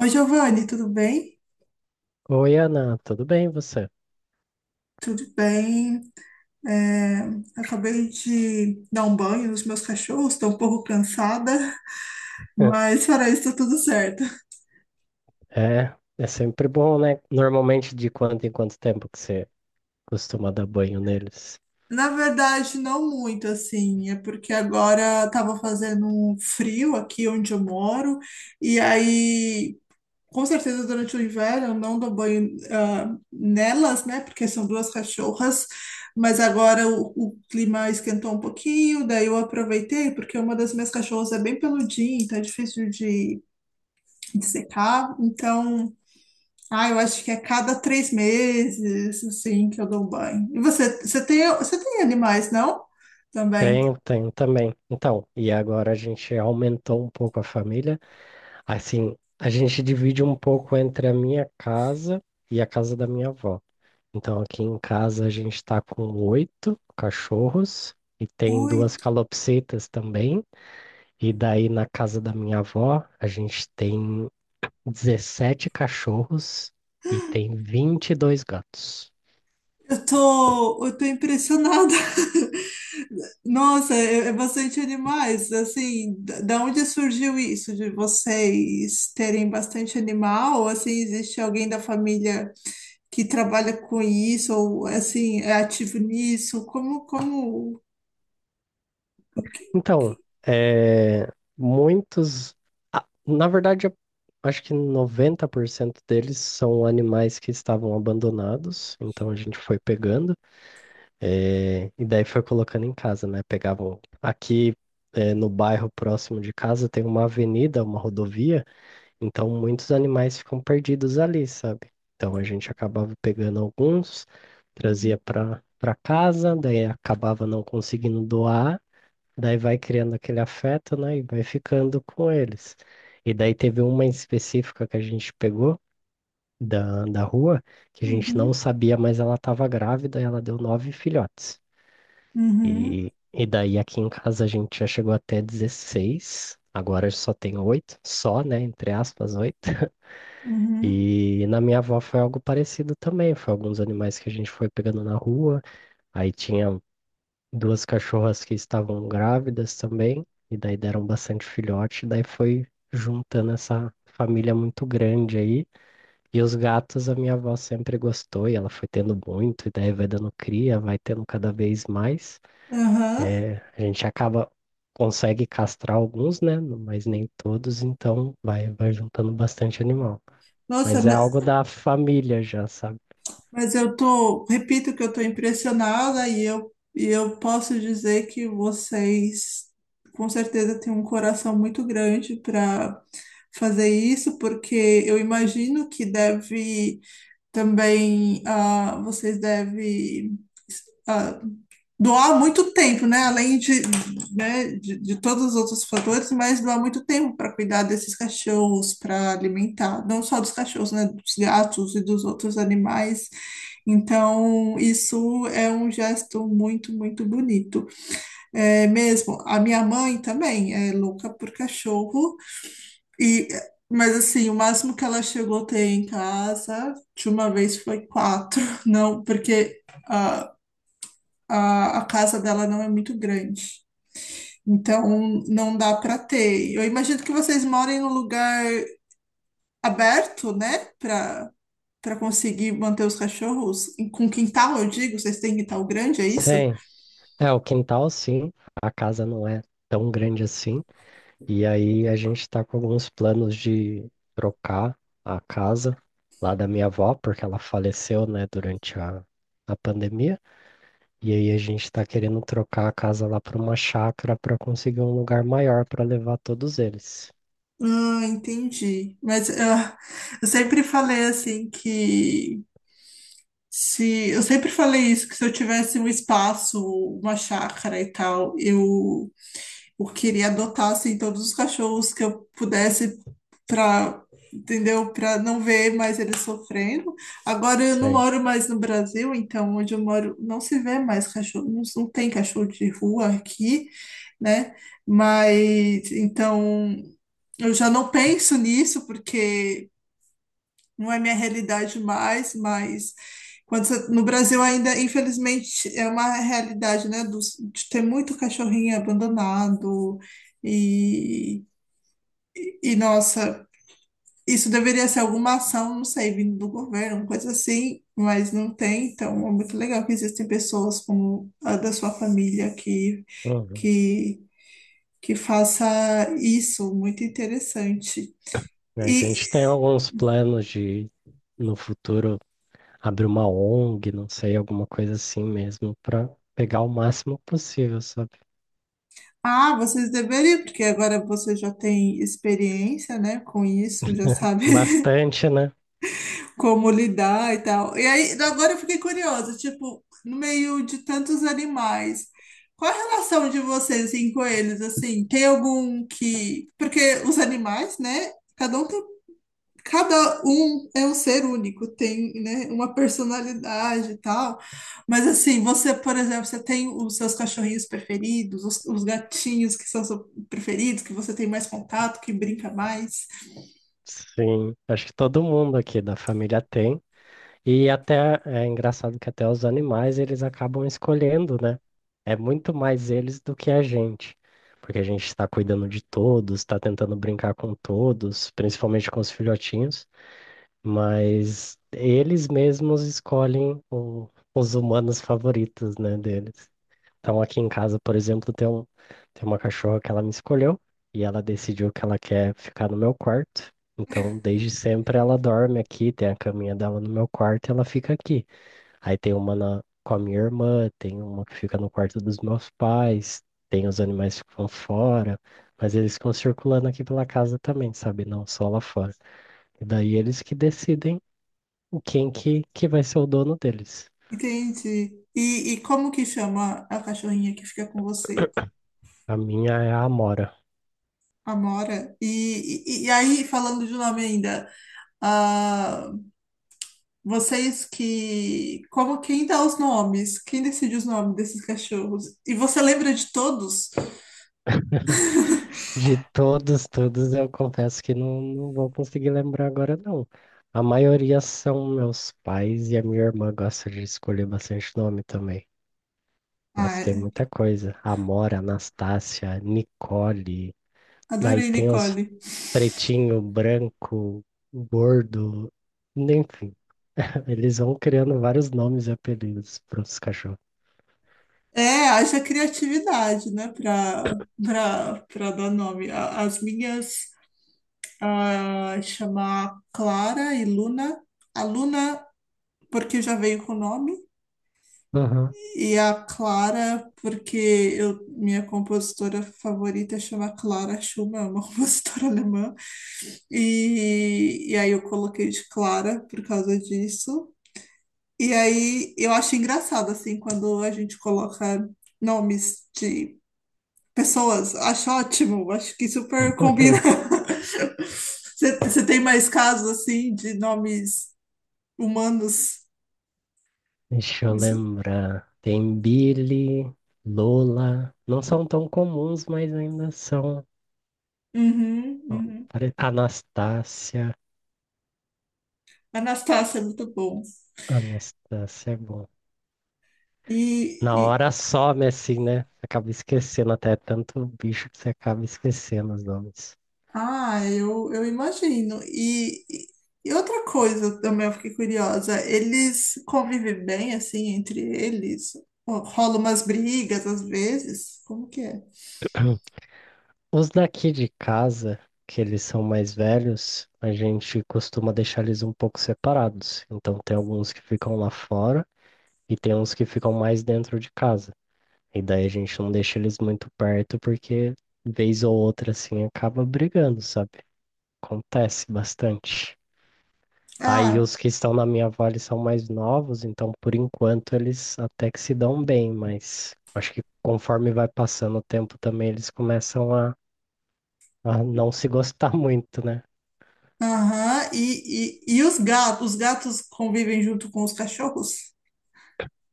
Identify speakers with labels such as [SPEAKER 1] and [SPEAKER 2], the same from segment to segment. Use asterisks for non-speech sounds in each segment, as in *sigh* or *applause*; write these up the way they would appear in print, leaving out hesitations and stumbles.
[SPEAKER 1] Oi, Giovanni, tudo bem?
[SPEAKER 2] Oi, Ana, tudo bem você?
[SPEAKER 1] Tudo bem. É, Acabei de dar um banho nos meus cachorros, estou um pouco cansada, *laughs* mas fora isso, tá tudo certo.
[SPEAKER 2] É, é sempre bom, né? Normalmente de quanto em quanto tempo que você costuma dar banho neles?
[SPEAKER 1] Na verdade, não muito assim, é porque agora estava fazendo um frio aqui onde eu moro, e aí. Com certeza, durante o inverno, eu não dou banho nelas, né? Porque são duas cachorras, mas agora o clima esquentou um pouquinho, daí eu aproveitei, porque uma das minhas cachorras é bem peludinha, então é difícil de secar. Então, eu acho que é cada três meses, assim, que eu dou banho. E você, você tem animais, não? Também.
[SPEAKER 2] Tenho, tenho também. Então, e agora a gente aumentou um pouco a família. Assim, a gente divide um pouco entre a minha casa e a casa da minha avó. Então, aqui em casa a gente tá com oito cachorros e tem duas
[SPEAKER 1] Oito.
[SPEAKER 2] calopsitas também. E daí na casa da minha avó a gente tem 17 cachorros e tem 22 gatos.
[SPEAKER 1] Eu tô impressionada. *laughs* Nossa, é, é bastante animais. Assim, da onde surgiu isso de vocês terem bastante animal? Ou assim, existe alguém da família que trabalha com isso ou assim é ativo nisso? Como, como? o que-
[SPEAKER 2] Então, é, muitos. Na verdade, eu acho que 90% deles são animais que estavam abandonados. Então, a gente foi pegando e daí foi colocando em casa, né? Pegavam aqui. No bairro próximo de casa tem uma avenida, uma rodovia. Então, muitos animais ficam perdidos ali, sabe? Então, a gente acabava pegando alguns, trazia para casa, daí acabava não conseguindo doar, daí vai criando aquele afeto, né? E vai ficando com eles. E daí teve uma em específica que a gente pegou da rua, que a gente não
[SPEAKER 1] Uhum,
[SPEAKER 2] sabia, mas ela estava grávida e ela deu nove filhotes.
[SPEAKER 1] uhum,
[SPEAKER 2] E daí aqui em casa a gente já chegou até 16. Agora só tem oito, só, né? Entre aspas, oito.
[SPEAKER 1] uhum,
[SPEAKER 2] E na minha avó foi algo parecido também. Foi alguns animais que a gente foi pegando na rua. Aí tinha duas cachorras que estavam grávidas também. E daí deram bastante filhote. Daí foi juntando essa família muito grande aí. E os gatos a minha avó sempre gostou. E ela foi tendo muito. E daí vai dando cria, vai tendo cada vez mais.
[SPEAKER 1] aham.
[SPEAKER 2] É, a gente acaba. Consegue castrar alguns, né? Mas nem todos, então vai, vai juntando bastante animal.
[SPEAKER 1] Nossa,
[SPEAKER 2] Mas é algo
[SPEAKER 1] mas
[SPEAKER 2] da família já, sabe?
[SPEAKER 1] Mas repito que eu tô impressionada e eu posso dizer que vocês com certeza têm um coração muito grande para fazer isso, porque eu imagino que deve também, vocês devem ah, doar muito tempo, né? Além de, né, de todos os outros fatores, mas doar muito tempo para cuidar desses cachorros, para alimentar, não só dos cachorros, né? Dos gatos e dos outros animais. Então, isso é um gesto muito, muito bonito. É mesmo, a minha mãe também é louca por cachorro e mas assim, o máximo que ela chegou a ter em casa de uma vez foi quatro, *laughs* não, porque ah, a casa dela não é muito grande. Então, não dá para ter. Eu imagino que vocês morem num lugar aberto, né? Para para conseguir manter os cachorros. E com quintal, eu digo, vocês têm quintal grande, é isso?
[SPEAKER 2] Sim. É, o quintal sim, a casa não é tão grande assim. E aí a gente tá com alguns planos de trocar a casa lá da minha avó, porque ela faleceu, né, durante a pandemia. E aí a gente tá querendo trocar a casa lá para uma chácara para conseguir um lugar maior para levar todos eles.
[SPEAKER 1] Ah, entendi. Mas eu sempre falei assim que. Se, eu sempre falei isso, que se eu tivesse um espaço, uma chácara e tal, eu queria adotar assim todos os cachorros que eu pudesse para, entendeu? Para não ver mais eles sofrendo. Agora eu não
[SPEAKER 2] Sim.
[SPEAKER 1] moro mais no Brasil, então onde eu moro não se vê mais cachorro, não, não tem cachorro de rua aqui, né? Mas então eu já não penso nisso porque não é minha realidade mais, mas no Brasil ainda, infelizmente, é uma realidade, né, de ter muito cachorrinho abandonado e, e nossa, isso deveria ser alguma ação, não sei, vindo do governo, uma coisa assim, mas não tem, então é muito legal que existem pessoas como a da sua família
[SPEAKER 2] Uhum.
[SPEAKER 1] que que faça isso, muito interessante.
[SPEAKER 2] A
[SPEAKER 1] E
[SPEAKER 2] gente tem alguns planos de no futuro abrir uma ONG, não sei, alguma coisa assim mesmo, para pegar o máximo possível, sabe?
[SPEAKER 1] ah, vocês deveriam, porque agora você já tem experiência, né, com isso, já sabe *laughs*
[SPEAKER 2] Bastante, né?
[SPEAKER 1] como lidar e tal. E aí, agora eu fiquei curiosa, tipo, no meio de tantos animais, qual a relação de vocês, assim, com eles, assim? Tem algum que... Porque os animais, né, cada um é um ser único, tem, né, uma personalidade e tal. Mas assim, você, por exemplo, você tem os seus cachorrinhos preferidos, os gatinhos que são seus preferidos, que você tem mais contato, que brinca mais,
[SPEAKER 2] Sim, acho que todo mundo aqui da família tem. E até é engraçado que até os animais eles acabam escolhendo, né? É muito mais eles do que a gente, porque a gente está cuidando de todos, está tentando brincar com todos, principalmente com os filhotinhos, mas eles mesmos escolhem os humanos favoritos, né, deles. Então, aqui em casa, por exemplo, tem uma cachorra que ela me escolheu e ela decidiu que ela quer ficar no meu quarto. Então, desde sempre ela dorme aqui, tem a caminha dela no meu quarto e ela fica aqui. Aí tem uma com a minha irmã, tem uma que fica no quarto dos meus pais, tem os animais que ficam fora, mas eles ficam circulando aqui pela casa também, sabe? Não só lá fora. E daí eles que decidem quem que vai ser o dono deles.
[SPEAKER 1] entende? E como que chama a cachorrinha que fica com você?
[SPEAKER 2] A minha é a Amora.
[SPEAKER 1] Amora. E aí, falando de nome ainda, ah, vocês que. Como quem dá os nomes? Quem decide os nomes desses cachorros? E você lembra de todos?
[SPEAKER 2] De todos, todos, eu confesso que não, não vou conseguir lembrar agora, não. A maioria são meus pais e a minha irmã gosta de escolher bastante nome também. Mas
[SPEAKER 1] Ah,
[SPEAKER 2] tem
[SPEAKER 1] é.
[SPEAKER 2] muita coisa. Amora, Anastácia, Nicole. Daí
[SPEAKER 1] Adorei,
[SPEAKER 2] tem os
[SPEAKER 1] Nicole.
[SPEAKER 2] pretinho, branco, gordo. Enfim, *laughs* eles vão criando vários nomes e apelidos para os cachorros.
[SPEAKER 1] É, haja criatividade, né, para para para dar nome. A- As minhas chamar Clara e Luna. A Luna, porque já veio com o nome,
[SPEAKER 2] Aham.
[SPEAKER 1] e a Clara, porque eu, minha compositora favorita chama Clara Schumann, é uma *laughs* compositora alemã, e aí eu coloquei de Clara por causa disso. E aí eu acho engraçado, assim, quando a gente coloca nomes de pessoas. Acho ótimo, acho que super combina.
[SPEAKER 2] *laughs*
[SPEAKER 1] *laughs* Você tem mais casos, assim, de nomes humanos?
[SPEAKER 2] Deixa eu lembrar. Tem Billy, Lola. Não são tão comuns, mas ainda são.
[SPEAKER 1] Uhum,
[SPEAKER 2] Ó,
[SPEAKER 1] uhum.
[SPEAKER 2] Anastácia.
[SPEAKER 1] Anastácia é muito bom.
[SPEAKER 2] Anastácia é bom. Na
[SPEAKER 1] E,
[SPEAKER 2] hora some assim, né? Acaba esquecendo até tanto bicho que você acaba esquecendo os nomes.
[SPEAKER 1] ah, eu imagino. E outra coisa também eu fiquei curiosa, eles convivem bem assim entre eles? Ou rola umas brigas às vezes? Como que é?
[SPEAKER 2] Os daqui de casa, que eles são mais velhos, a gente costuma deixar eles um pouco separados. Então tem alguns que ficam lá fora e tem uns que ficam mais dentro de casa. E daí a gente não deixa eles muito perto porque vez ou outra assim acaba brigando, sabe? Acontece bastante. Aí
[SPEAKER 1] Ah,
[SPEAKER 2] os que estão na minha vale são mais novos, então por enquanto eles até que se dão bem, mas acho que conforme vai passando o tempo também eles começam a não se gostar *laughs* muito, né?
[SPEAKER 1] aham. E os gatos? Os gatos convivem junto com os cachorros?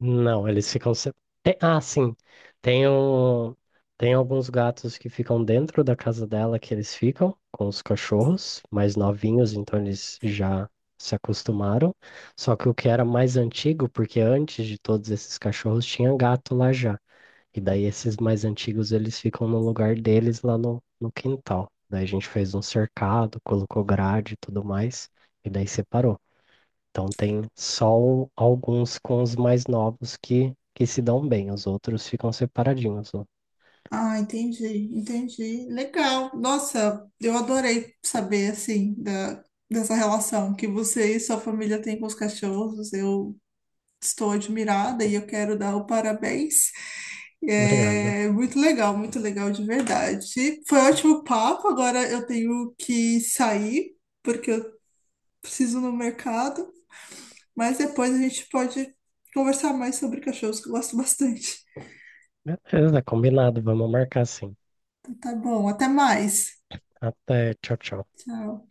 [SPEAKER 2] Não, eles ficam. Ah, sim. Tem, um... Tem alguns gatos que ficam dentro da casa dela que eles ficam com os cachorros mais novinhos, então eles já se acostumaram. Só que o que era mais antigo, porque antes de todos esses cachorros tinha gato lá já. E daí esses mais antigos eles ficam no lugar deles lá no quintal. Daí a gente fez um cercado, colocou grade e tudo mais, e daí separou. Então tem só alguns com os mais novos que se dão bem, os outros ficam separadinhos. Ó.
[SPEAKER 1] Ah, entendi, entendi. Legal. Nossa, eu adorei saber assim da, dessa relação que você e sua família têm com os cachorros. Eu estou admirada e eu quero dar o parabéns.
[SPEAKER 2] Obrigado.
[SPEAKER 1] É muito legal de verdade. Foi ótimo papo. Agora eu tenho que sair porque eu preciso ir no mercado, mas depois a gente pode conversar mais sobre cachorros que eu gosto bastante.
[SPEAKER 2] Beleza, combinado. Vamos marcar sim.
[SPEAKER 1] Então, tá bom, até mais.
[SPEAKER 2] Até, tchau, tchau.
[SPEAKER 1] Tchau.